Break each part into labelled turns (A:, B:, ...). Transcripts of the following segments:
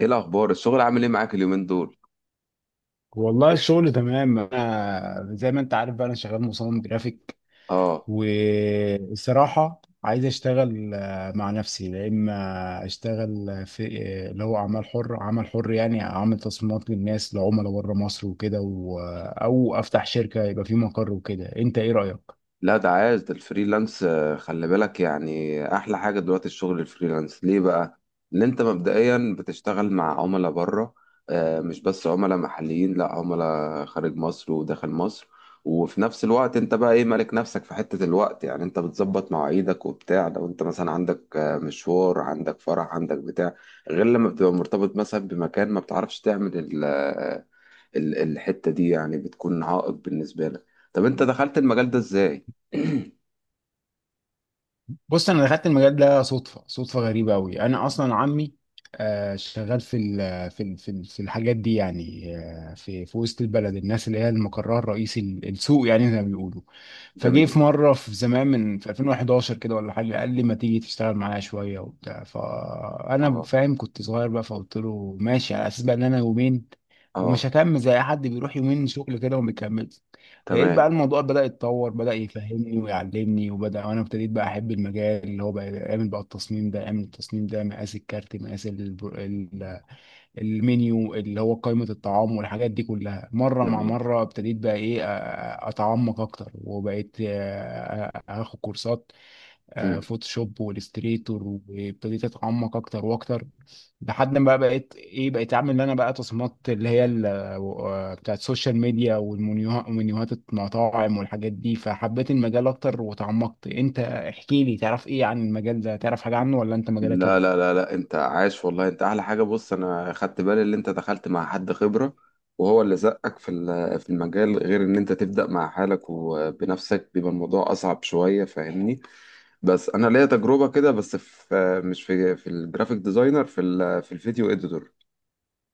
A: ايه الاخبار، الشغل عامل ايه معاك اليومين دول؟
B: والله الشغل تمام، انا زي ما انت عارف بقى انا شغال مصمم جرافيك.
A: اه.
B: والصراحه عايز اشتغل مع نفسي، يا اما اشتغل في اللي هو اعمال حر عمل حر، يعني اعمل تصميمات للناس لعملاء بره مصر وكده او افتح شركه يبقى في مقر وكده. انت ايه رايك؟
A: لا، ده عايز ده الفريلانس. خلي بالك، يعني احلى حاجه دلوقتي الشغل الفريلانس ليه بقى؟ ان انت مبدئيا بتشتغل مع عملاء بره. مش بس عملاء محليين، لا، عملاء خارج مصر وداخل مصر. وفي نفس الوقت انت بقى ايه مالك نفسك في حته الوقت، يعني انت بتظبط مواعيدك وبتاع، لو انت مثلا عندك مشوار، عندك فرح، عندك بتاع، غير لما بتبقى مرتبط مثلا بمكان ما بتعرفش تعمل الحتة دي، يعني بتكون عائق بالنسبة لك. طب انت دخلت المجال ده ازاي؟
B: بص انا دخلت المجال ده صدفه، صدفه غريبه قوي. انا اصلا عمي شغال في الحاجات دي يعني، في وسط البلد، الناس اللي هي المقرها الرئيسي السوق يعني زي ما بيقولوا. فجه
A: جميل.
B: في مره في زمان في 2011 كده ولا حاجه، قال لي ما تيجي تشتغل معايا شويه وبتاع، فانا
A: اه.
B: فاهم كنت صغير بقى، فقلت له ماشي على اساس بقى ان انا يومين
A: اه.
B: ومش هكمل زي أي حد بيروح يومين شغل كده وما بيكمل. لقيت بقى
A: تمام.
B: الموضوع بدأ يتطور، بدأ يفهمني ويعلمني، وبدأ وانا ابتديت بقى احب المجال، اللي هو بقى يعمل بقى التصميم ده، يعمل التصميم ده مقاس الكارت، مقاس المنيو اللي هو قائمة الطعام والحاجات دي كلها. مرة مع
A: جميل.
B: مرة ابتديت بقى ايه اتعمق اكتر، وبقيت اخد كورسات
A: مم.
B: فوتوشوب والاستريتور، وابتديت اتعمق اكتر واكتر. لحد ما بقى بقيت ايه، بقيت اعمل انا بقى تصميمات، اللي هي بتاعت السوشيال ميديا والمنيوهات ومنيوهات المطاعم والحاجات دي. فحبيت المجال اكتر وتعمقت. انت احكي لي، تعرف ايه عن المجال ده؟ تعرف حاجة عنه ولا انت مجالك
A: لا
B: ايه؟
A: لا لا لا، انت عاش والله، انت احلى حاجة. بص، انا خدت بالي ان انت دخلت مع حد خبرة، وهو اللي زقك في في المجال، غير ان انت تبدأ مع حالك وبنفسك بيبقى الموضوع اصعب شوية، فاهمني؟ بس انا ليا تجربة كده، بس في، مش في، في الجرافيك ديزاينر، في في الفيديو اديتور.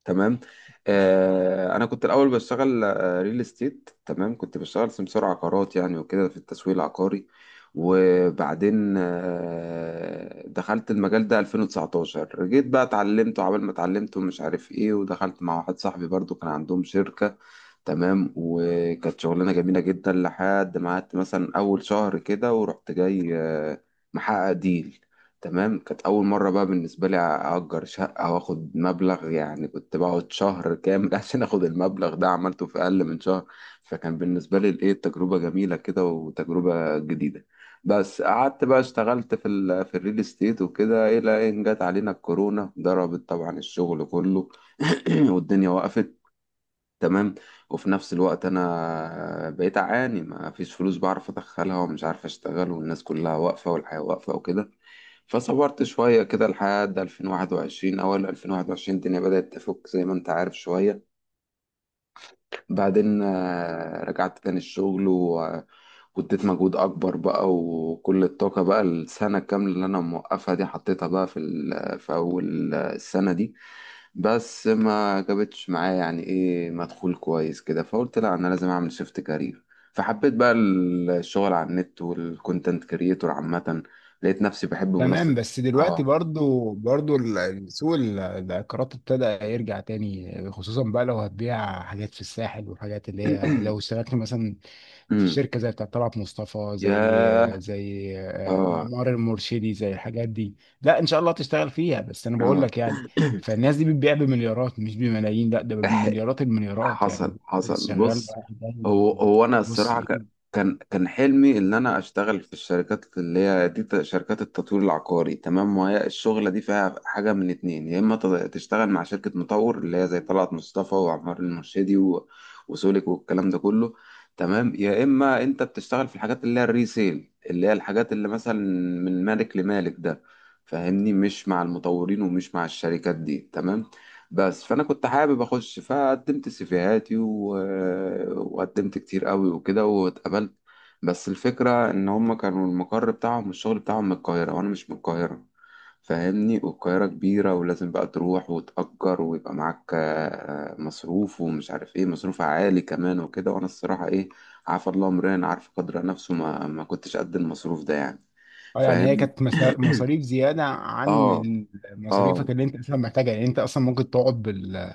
A: تمام. آه انا كنت الاول بشتغل ريل استيت. تمام، كنت بشتغل سمسار عقارات يعني، وكده في التسويق العقاري. وبعدين آه دخلت المجال ده 2019، جيت بقى اتعلمته، عبال ما اتعلمته مش عارف ايه، ودخلت مع واحد صاحبي برضو كان عندهم شركة. تمام، وكانت شغلانة جميلة جدا لحد ما قعدت مثلا أول شهر كده، ورحت جاي محقق ديل. تمام، كانت أول مرة بقى بالنسبة لي أأجر شقة وآخد مبلغ، يعني كنت بقعد شهر كامل عشان آخد المبلغ ده، عملته في أقل من شهر. فكان بالنسبة لي الإيه، تجربة جميلة كده وتجربة جديدة. بس قعدت بقى اشتغلت في ال في الريل استيت وكده، إلى إن جت علينا الكورونا، ضربت طبعا الشغل كله. والدنيا وقفت. تمام. وفي نفس الوقت انا بقيت اعاني، ما فيش فلوس بعرف ادخلها، ومش عارف اشتغل، والناس كلها واقفه، والحياه واقفه وكده. فصبرت شويه كده لحد 2021، اول 2021 الدنيا بدات تفك زي ما انت عارف شويه. بعدين رجعت تاني الشغل واديت مجهود اكبر بقى، وكل الطاقه بقى، السنه الكامله اللي انا موقفها دي حطيتها بقى في في اول السنه دي. بس ما جابتش معايا يعني ايه مدخول كويس كده، فقلت لا، انا لازم اعمل شيفت كارير. فحبيت بقى الشغل على النت والكونتنت كريتور عامة. لقيت نفسي بحب منصة.
B: تمام، بس
A: اه.
B: دلوقتي برضو سوق العقارات ابتدى يرجع تاني، خصوصا بقى لو هتبيع حاجات في الساحل والحاجات اللي هي، لو اشتغلت مثلا في
A: أمم.
B: شركة زي بتاعة طلعت مصطفى، زي
A: ياه.
B: زي
A: اه.
B: معمار المرشدي، زي الحاجات دي. لا ان شاء الله تشتغل فيها، بس انا بقول
A: اه.
B: لك يعني، فالناس دي بتبيع بمليارات مش بملايين، لا ده بمليارات، المليارات يعني.
A: حصل حصل.
B: شغال
A: بص،
B: بقى؟
A: هو انا
B: بص
A: الصراحه
B: إيه؟
A: كان حلمي ان انا اشتغل في الشركات اللي هي دي، شركات التطوير العقاري. تمام، وهي الشغله دي فيها حاجه من اتنين، يا اما تشتغل مع شركه مطور، اللي هي زي طلعت مصطفى وعمار المرشدي وسولك والكلام ده كله. تمام. يا اما انت بتشتغل في الحاجات اللي هي الريسيل، اللي هي الحاجات اللي مثلا من مالك لمالك ده، فاهمني؟ مش مع المطورين ومش مع الشركات دي. تمام. بس فانا كنت حابب اخش، فقدمت سيفيهاتي، و... وقدمت كتير قوي وكده واتقبلت. بس الفكره ان هم كانوا المقر بتاعهم والشغل بتاعهم من القاهره، وانا مش من القاهره، فاهمني؟ والقاهره كبيره، ولازم بقى تروح وتأجر، ويبقى معاك مصروف، ومش عارف ايه، مصروف عالي كمان وكده. وانا الصراحه ايه، عارف الله امرين، عارف قدر نفسه، ما كنتش قد المصروف ده يعني.
B: اه يعني هي
A: فاهم.
B: كانت مصاريف زيادة
A: اه.
B: عن
A: اه.
B: مصاريفك اللي انت اصلا محتاجها يعني. انت اصلا ممكن تقعد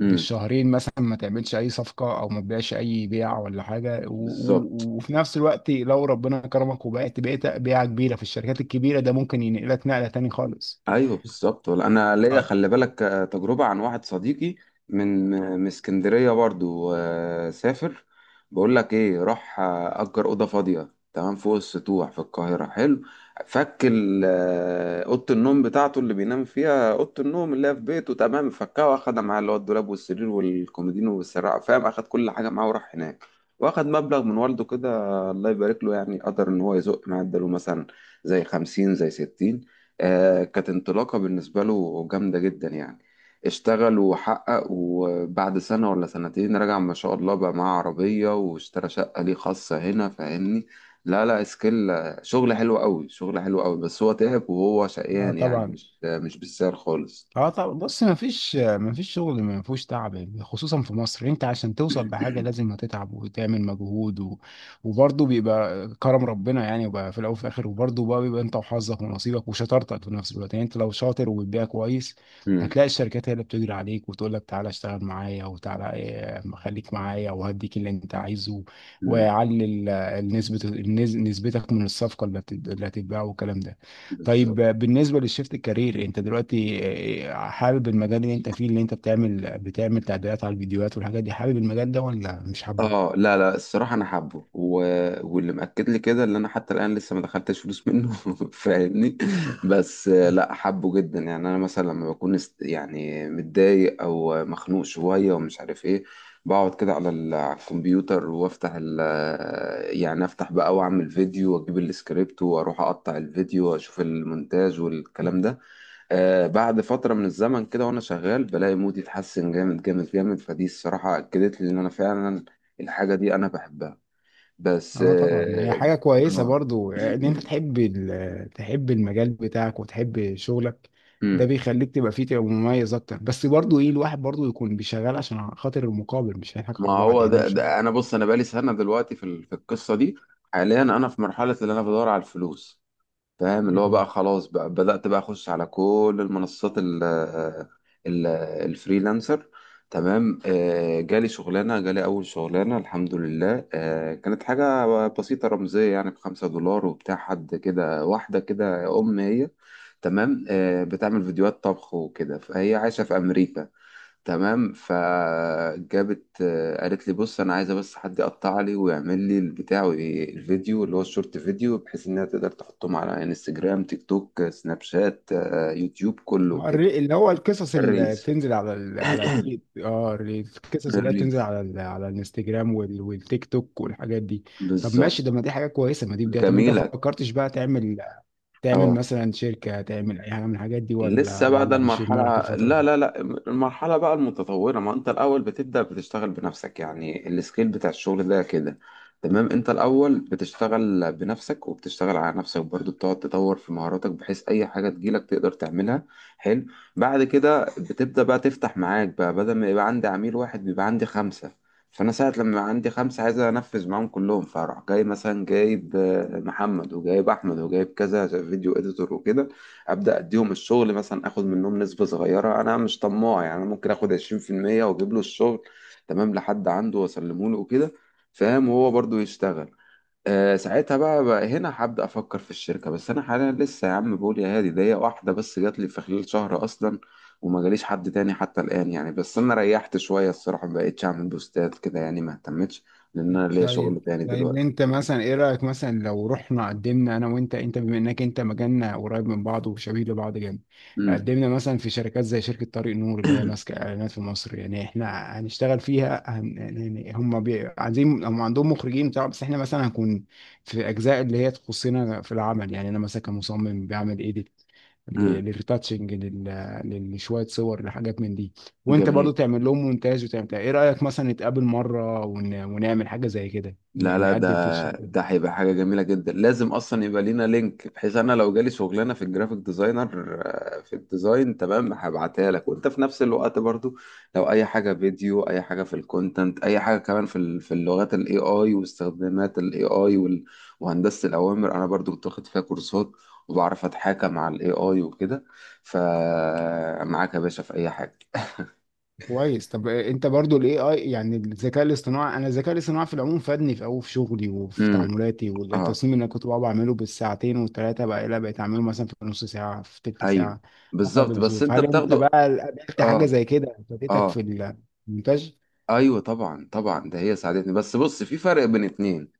A: امم
B: بالشهرين مثلا ما تعملش اي صفقة او ما تبيعش اي بيع ولا حاجة،
A: بالظبط.
B: وفي نفس الوقت لو ربنا كرمك وبقيت، بيعة كبيرة في الشركات الكبيرة ده، ممكن ينقلك نقلة تاني خالص.
A: ايوه بالظبط. ولا انا ليا،
B: اه.
A: خلي بالك، تجربه عن واحد صديقي من اسكندريه برضو. سافر. بقول لك ايه، راح اجر اوضه فاضيه، تمام، فوق السطوح في القاهره. حلو. فك اوضه النوم بتاعته اللي بينام فيها، اوضه النوم اللي هي في بيته. تمام، فكها واخدها معاه، اللي هو الدولاب والسرير والكومودينو والسراعه، فاهم؟ اخد كل حاجه معاه وراح هناك. واخد مبلغ من والده كده، الله يبارك له، يعني قدر ان هو يزق معاه، اداله مثلا زي خمسين زي ستين. كانت انطلاقة بالنسبة له جامدة جدا يعني. اشتغل وحقق، وبعد سنة ولا سنتين رجع ما شاء الله، بقى معاه عربية، واشترى شقة ليه خاصة هنا، فاهمني؟ لا لا، سكيل، شغل حلو قوي، شغل حلو قوي. بس هو تعب وهو
B: آه
A: شقيان يعني،
B: طبعا.
A: مش مش بالسعر خالص.
B: اه طب بص، ما فيش شغل ما فيهوش تعب، خصوصا في مصر. انت عشان توصل بحاجه لازم هتتعب وتعمل مجهود وبرضه بيبقى كرم ربنا يعني، وبقى في الاول وفي الاخر، وبرضه بقى بيبقى انت وحظك ونصيبك وشطارتك في نفس الوقت يعني. انت لو شاطر وبتبيع كويس
A: مم.
B: هتلاقي الشركات هي اللي بتجري عليك، وتقول لك تعالى اشتغل معايا وتعالى خليك معايا وهديك اللي انت عايزه،
A: مم.
B: واعلي النسبه، نسبتك من الصفقه اللي هتتباع والكلام ده. طيب
A: بالظبط.
B: بالنسبة للشيفت الكارير، انت دلوقتي حابب المجال اللي انت فيه، اللي انت بتعمل تعديلات على الفيديوهات والحاجات دي، حابب المجال ده ولا مش حابه؟
A: اه، لا لا، الصراحة أنا حابه، و... واللي مأكد لي كده اللي أنا حتى الآن لسه ما دخلتش فلوس منه فاهمني؟ بس لا، حابه جدا يعني. أنا مثلا لما بكون است...، يعني متضايق أو مخنوق شوية ومش عارف إيه، بقعد كده على ال...، على الكمبيوتر، وأفتح ال...، يعني أفتح بقى وأعمل فيديو وأجيب السكريبت وأروح أقطع الفيديو وأشوف المونتاج والكلام ده. آه بعد فترة من الزمن كده وأنا شغال بلاقي مودي اتحسن جامد جامد جامد، فدي الصراحة أكدت لي إن أنا فعلا الحاجة دي أنا بحبها. بس
B: اه طبعا، هي
A: آه.
B: حاجة كويسة
A: آه.
B: برضو ان انت تحب تحب المجال بتاعك وتحب شغلك. ده
A: مم.
B: بيخليك تبقى فيه، تبقى مميز اكتر، بس برضو ايه، الواحد برضو يكون بيشغل عشان خاطر المقابل، مش هنضحك
A: ما
B: على بعض
A: هو
B: يعني،
A: ده,
B: مش
A: ده أنا بص، أنا بقالي سنة دلوقتي في القصة دي. حاليا أنا في مرحلة اللي أنا بدور على الفلوس، فاهم؟ اللي هو بقى خلاص، بقى بدأت بقى أخش على كل المنصات ال الفريلانسر. تمام. جالي شغلانة، جالي أول شغلانة الحمد لله. كانت حاجة بسيطة رمزية يعني، بخمسة دولار وبتاع، حد كده، واحدة كده أم هي. تمام، بتعمل فيديوهات طبخ وكده، فهي عايشة في أمريكا. تمام. فجابت، قالت لي بص، انا عايزه بس حد يقطع لي ويعمل لي البتاع، الفيديو اللي هو الشورت فيديو، بحيث انها تقدر تحطهم على انستجرام، تيك توك، سناب شات، يوتيوب، كله كده.
B: اللي هو القصص اللي
A: الريلز.
B: بتنزل على على التيك، اه القصص اللي هي بتنزل
A: الريلز.
B: على على الانستجرام والتيك توك والحاجات دي. طب
A: بالظبط.
B: ماشي، ده ما دي حاجه كويسه، ما دي بدايه. طب انت ما
A: جميلة.
B: فكرتش بقى تعمل،
A: اه.
B: مثلا شركه، تعمل اي حاجه من الحاجات دي، ولا
A: لسه بقى، ده
B: ولا مش في
A: المرحلة.
B: دماغك الفتره
A: لا
B: دي؟
A: لا لا، المرحلة بقى المتطورة. ما انت الأول بتبدأ بتشتغل بنفسك، يعني السكيل بتاع الشغل ده كده. تمام، انت الأول بتشتغل بنفسك وبتشتغل على نفسك برضو، بتقعد تطور في مهاراتك بحيث أي حاجة تجيلك تقدر تعملها. حلو. بعد كده بتبدأ بقى تفتح معاك بقى، بدل ما يبقى عندي عميل واحد بيبقى عندي خمسة. فأنا ساعة لما يبقى عندي خمسة عايز أنفذ معاهم كلهم، فأروح جاي مثلا جايب محمد وجايب أحمد وجايب كذا فيديو إديتور وكده. ابدا اديهم الشغل، مثلا اخد منهم نسبه صغيره، انا مش طماع يعني، انا ممكن اخد 20%، واجيب له الشغل تمام لحد عنده واسلمه له وكده، فاهم؟ وهو برضو يشتغل. آه ساعتها بقى, هنا هبدا افكر في الشركه. بس انا حاليا لسه يا عم بقول يا هادي، ده هي واحده بس جات لي في خلال شهر اصلا، وما جاليش حد تاني حتى الان يعني. بس انا ريحت شويه الصراحه، ما بقتش اعمل بوستات كده يعني، ما اهتمتش، لان انا ليا
B: طيب،
A: شغل تاني
B: طيب
A: دلوقتي.
B: انت مثلا ايه رأيك، مثلا لو رحنا قدمنا انا وانت، انت بما انك انت مجالنا قريب من بعض وشبيه لبعض جامد،
A: امم
B: قدمنا مثلا في شركات زي شركة طريق نور اللي هي ماسكة اعلانات في مصر يعني. احنا هنشتغل فيها يعني هم عايزين، هم عندهم مخرجين بتاع، بس احنا مثلا هنكون في اجزاء اللي هي تخصنا في العمل يعني. انا مثلا كمصمم بعمل ايديت
A: أمم.
B: للريتاتشنج لشوية صور، لحاجات من دي، وانت برضو
A: جميل.
B: تعمل لهم مونتاج وتعمل بتاع. ايه رأيك مثلا نتقابل مرة ونعمل حاجة زي كده،
A: لا لا،
B: نقدم في
A: ده
B: الشركة دي؟
A: ده هيبقى حاجة جميلة جدا، لازم أصلا يبقى لينا لينك، بحيث أنا لو جالي شغلانة في الجرافيك ديزاينر، في الديزاين تمام هبعتها لك. وأنت في نفس الوقت برضو لو أي حاجة فيديو، أي حاجة في الكونتنت، أي حاجة كمان في في اللغات ال AI واستخدامات ال AI وهندسة الأوامر، أنا برضو كنت واخد فيها كورسات، وبعرف أتحاكم مع ال AI وكده، فمعاك يا باشا في أي حاجة
B: كويس. طب انت برضو الاي اي يعني الذكاء الاصطناعي، انا الذكاء الاصطناعي في العموم فادني في قوي في شغلي وفي
A: امم.
B: تعاملاتي،
A: اه.
B: والتصميم اللي انا كنت بقعد بعمله بالساعتين والثلاثة، بقى لا بقيت اعمله مثلا في نص ساعة، في تلت
A: ايوه
B: ساعة حسب
A: بالظبط. بس
B: الظروف.
A: انت
B: هل انت بقى
A: بتاخده.
B: قابلت حاجة
A: اه.
B: زي كده فادتك
A: اه.
B: في المونتاج؟
A: ايوه طبعا طبعا. ده هي ساعدتني، بس بص في فرق بين اتنين.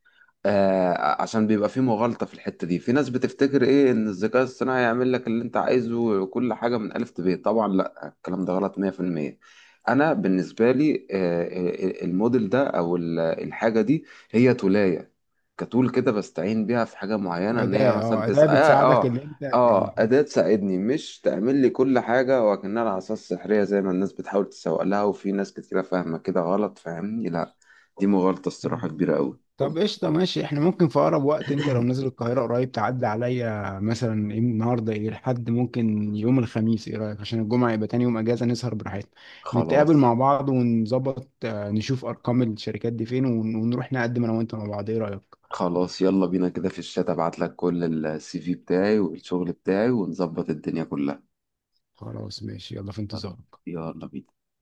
A: آه عشان بيبقى فيه مغالطة في الحتة دي، في ناس بتفتكر ايه، ان الذكاء الصناعي هيعمل لك اللي انت عايزه وكل حاجة من ألف ب، طبعا لا، الكلام ده غلط 100%. انا بالنسبة لي آه، الموديل ده، او الحاجة دي، هي تولاية، كتول كده، بستعين بيها في حاجة معينة، ان هي
B: أداة،
A: مثلا
B: اه أداة
A: تسأل. اه.
B: بتساعدك
A: اه.
B: إن أنت
A: اه،
B: يعني.
A: أداة تساعدني، مش تعمل لي كل حاجة وكأنها العصا السحرية زي ما الناس بتحاول تسوق لها، وفي ناس كتيرة فاهمة كده غلط، فاهمني؟ لا، دي مغالطة الصراحة كبيرة أوي.
B: طب قشطة ماشي، احنا ممكن في أقرب وقت، انت لو نزل القاهرة قريب تعدي عليا، مثلا ايه النهاردة، ايه لحد ممكن يوم الخميس، ايه رأيك؟ عشان الجمعة يبقى تاني يوم أجازة، نسهر براحتنا، نتقابل
A: خلاص.
B: مع بعض ونظبط، نشوف أرقام الشركات دي فين، ونروح نقدم أنا وأنت مع بعض. ايه رأيك؟
A: خلاص يلا بينا كده، في الشات ابعت لك كل السي في بتاعي والشغل بتاعي ونظبط الدنيا كلها.
B: خلاص ماشي، يلا في
A: طب،
B: انتظارك.
A: يلا بينا.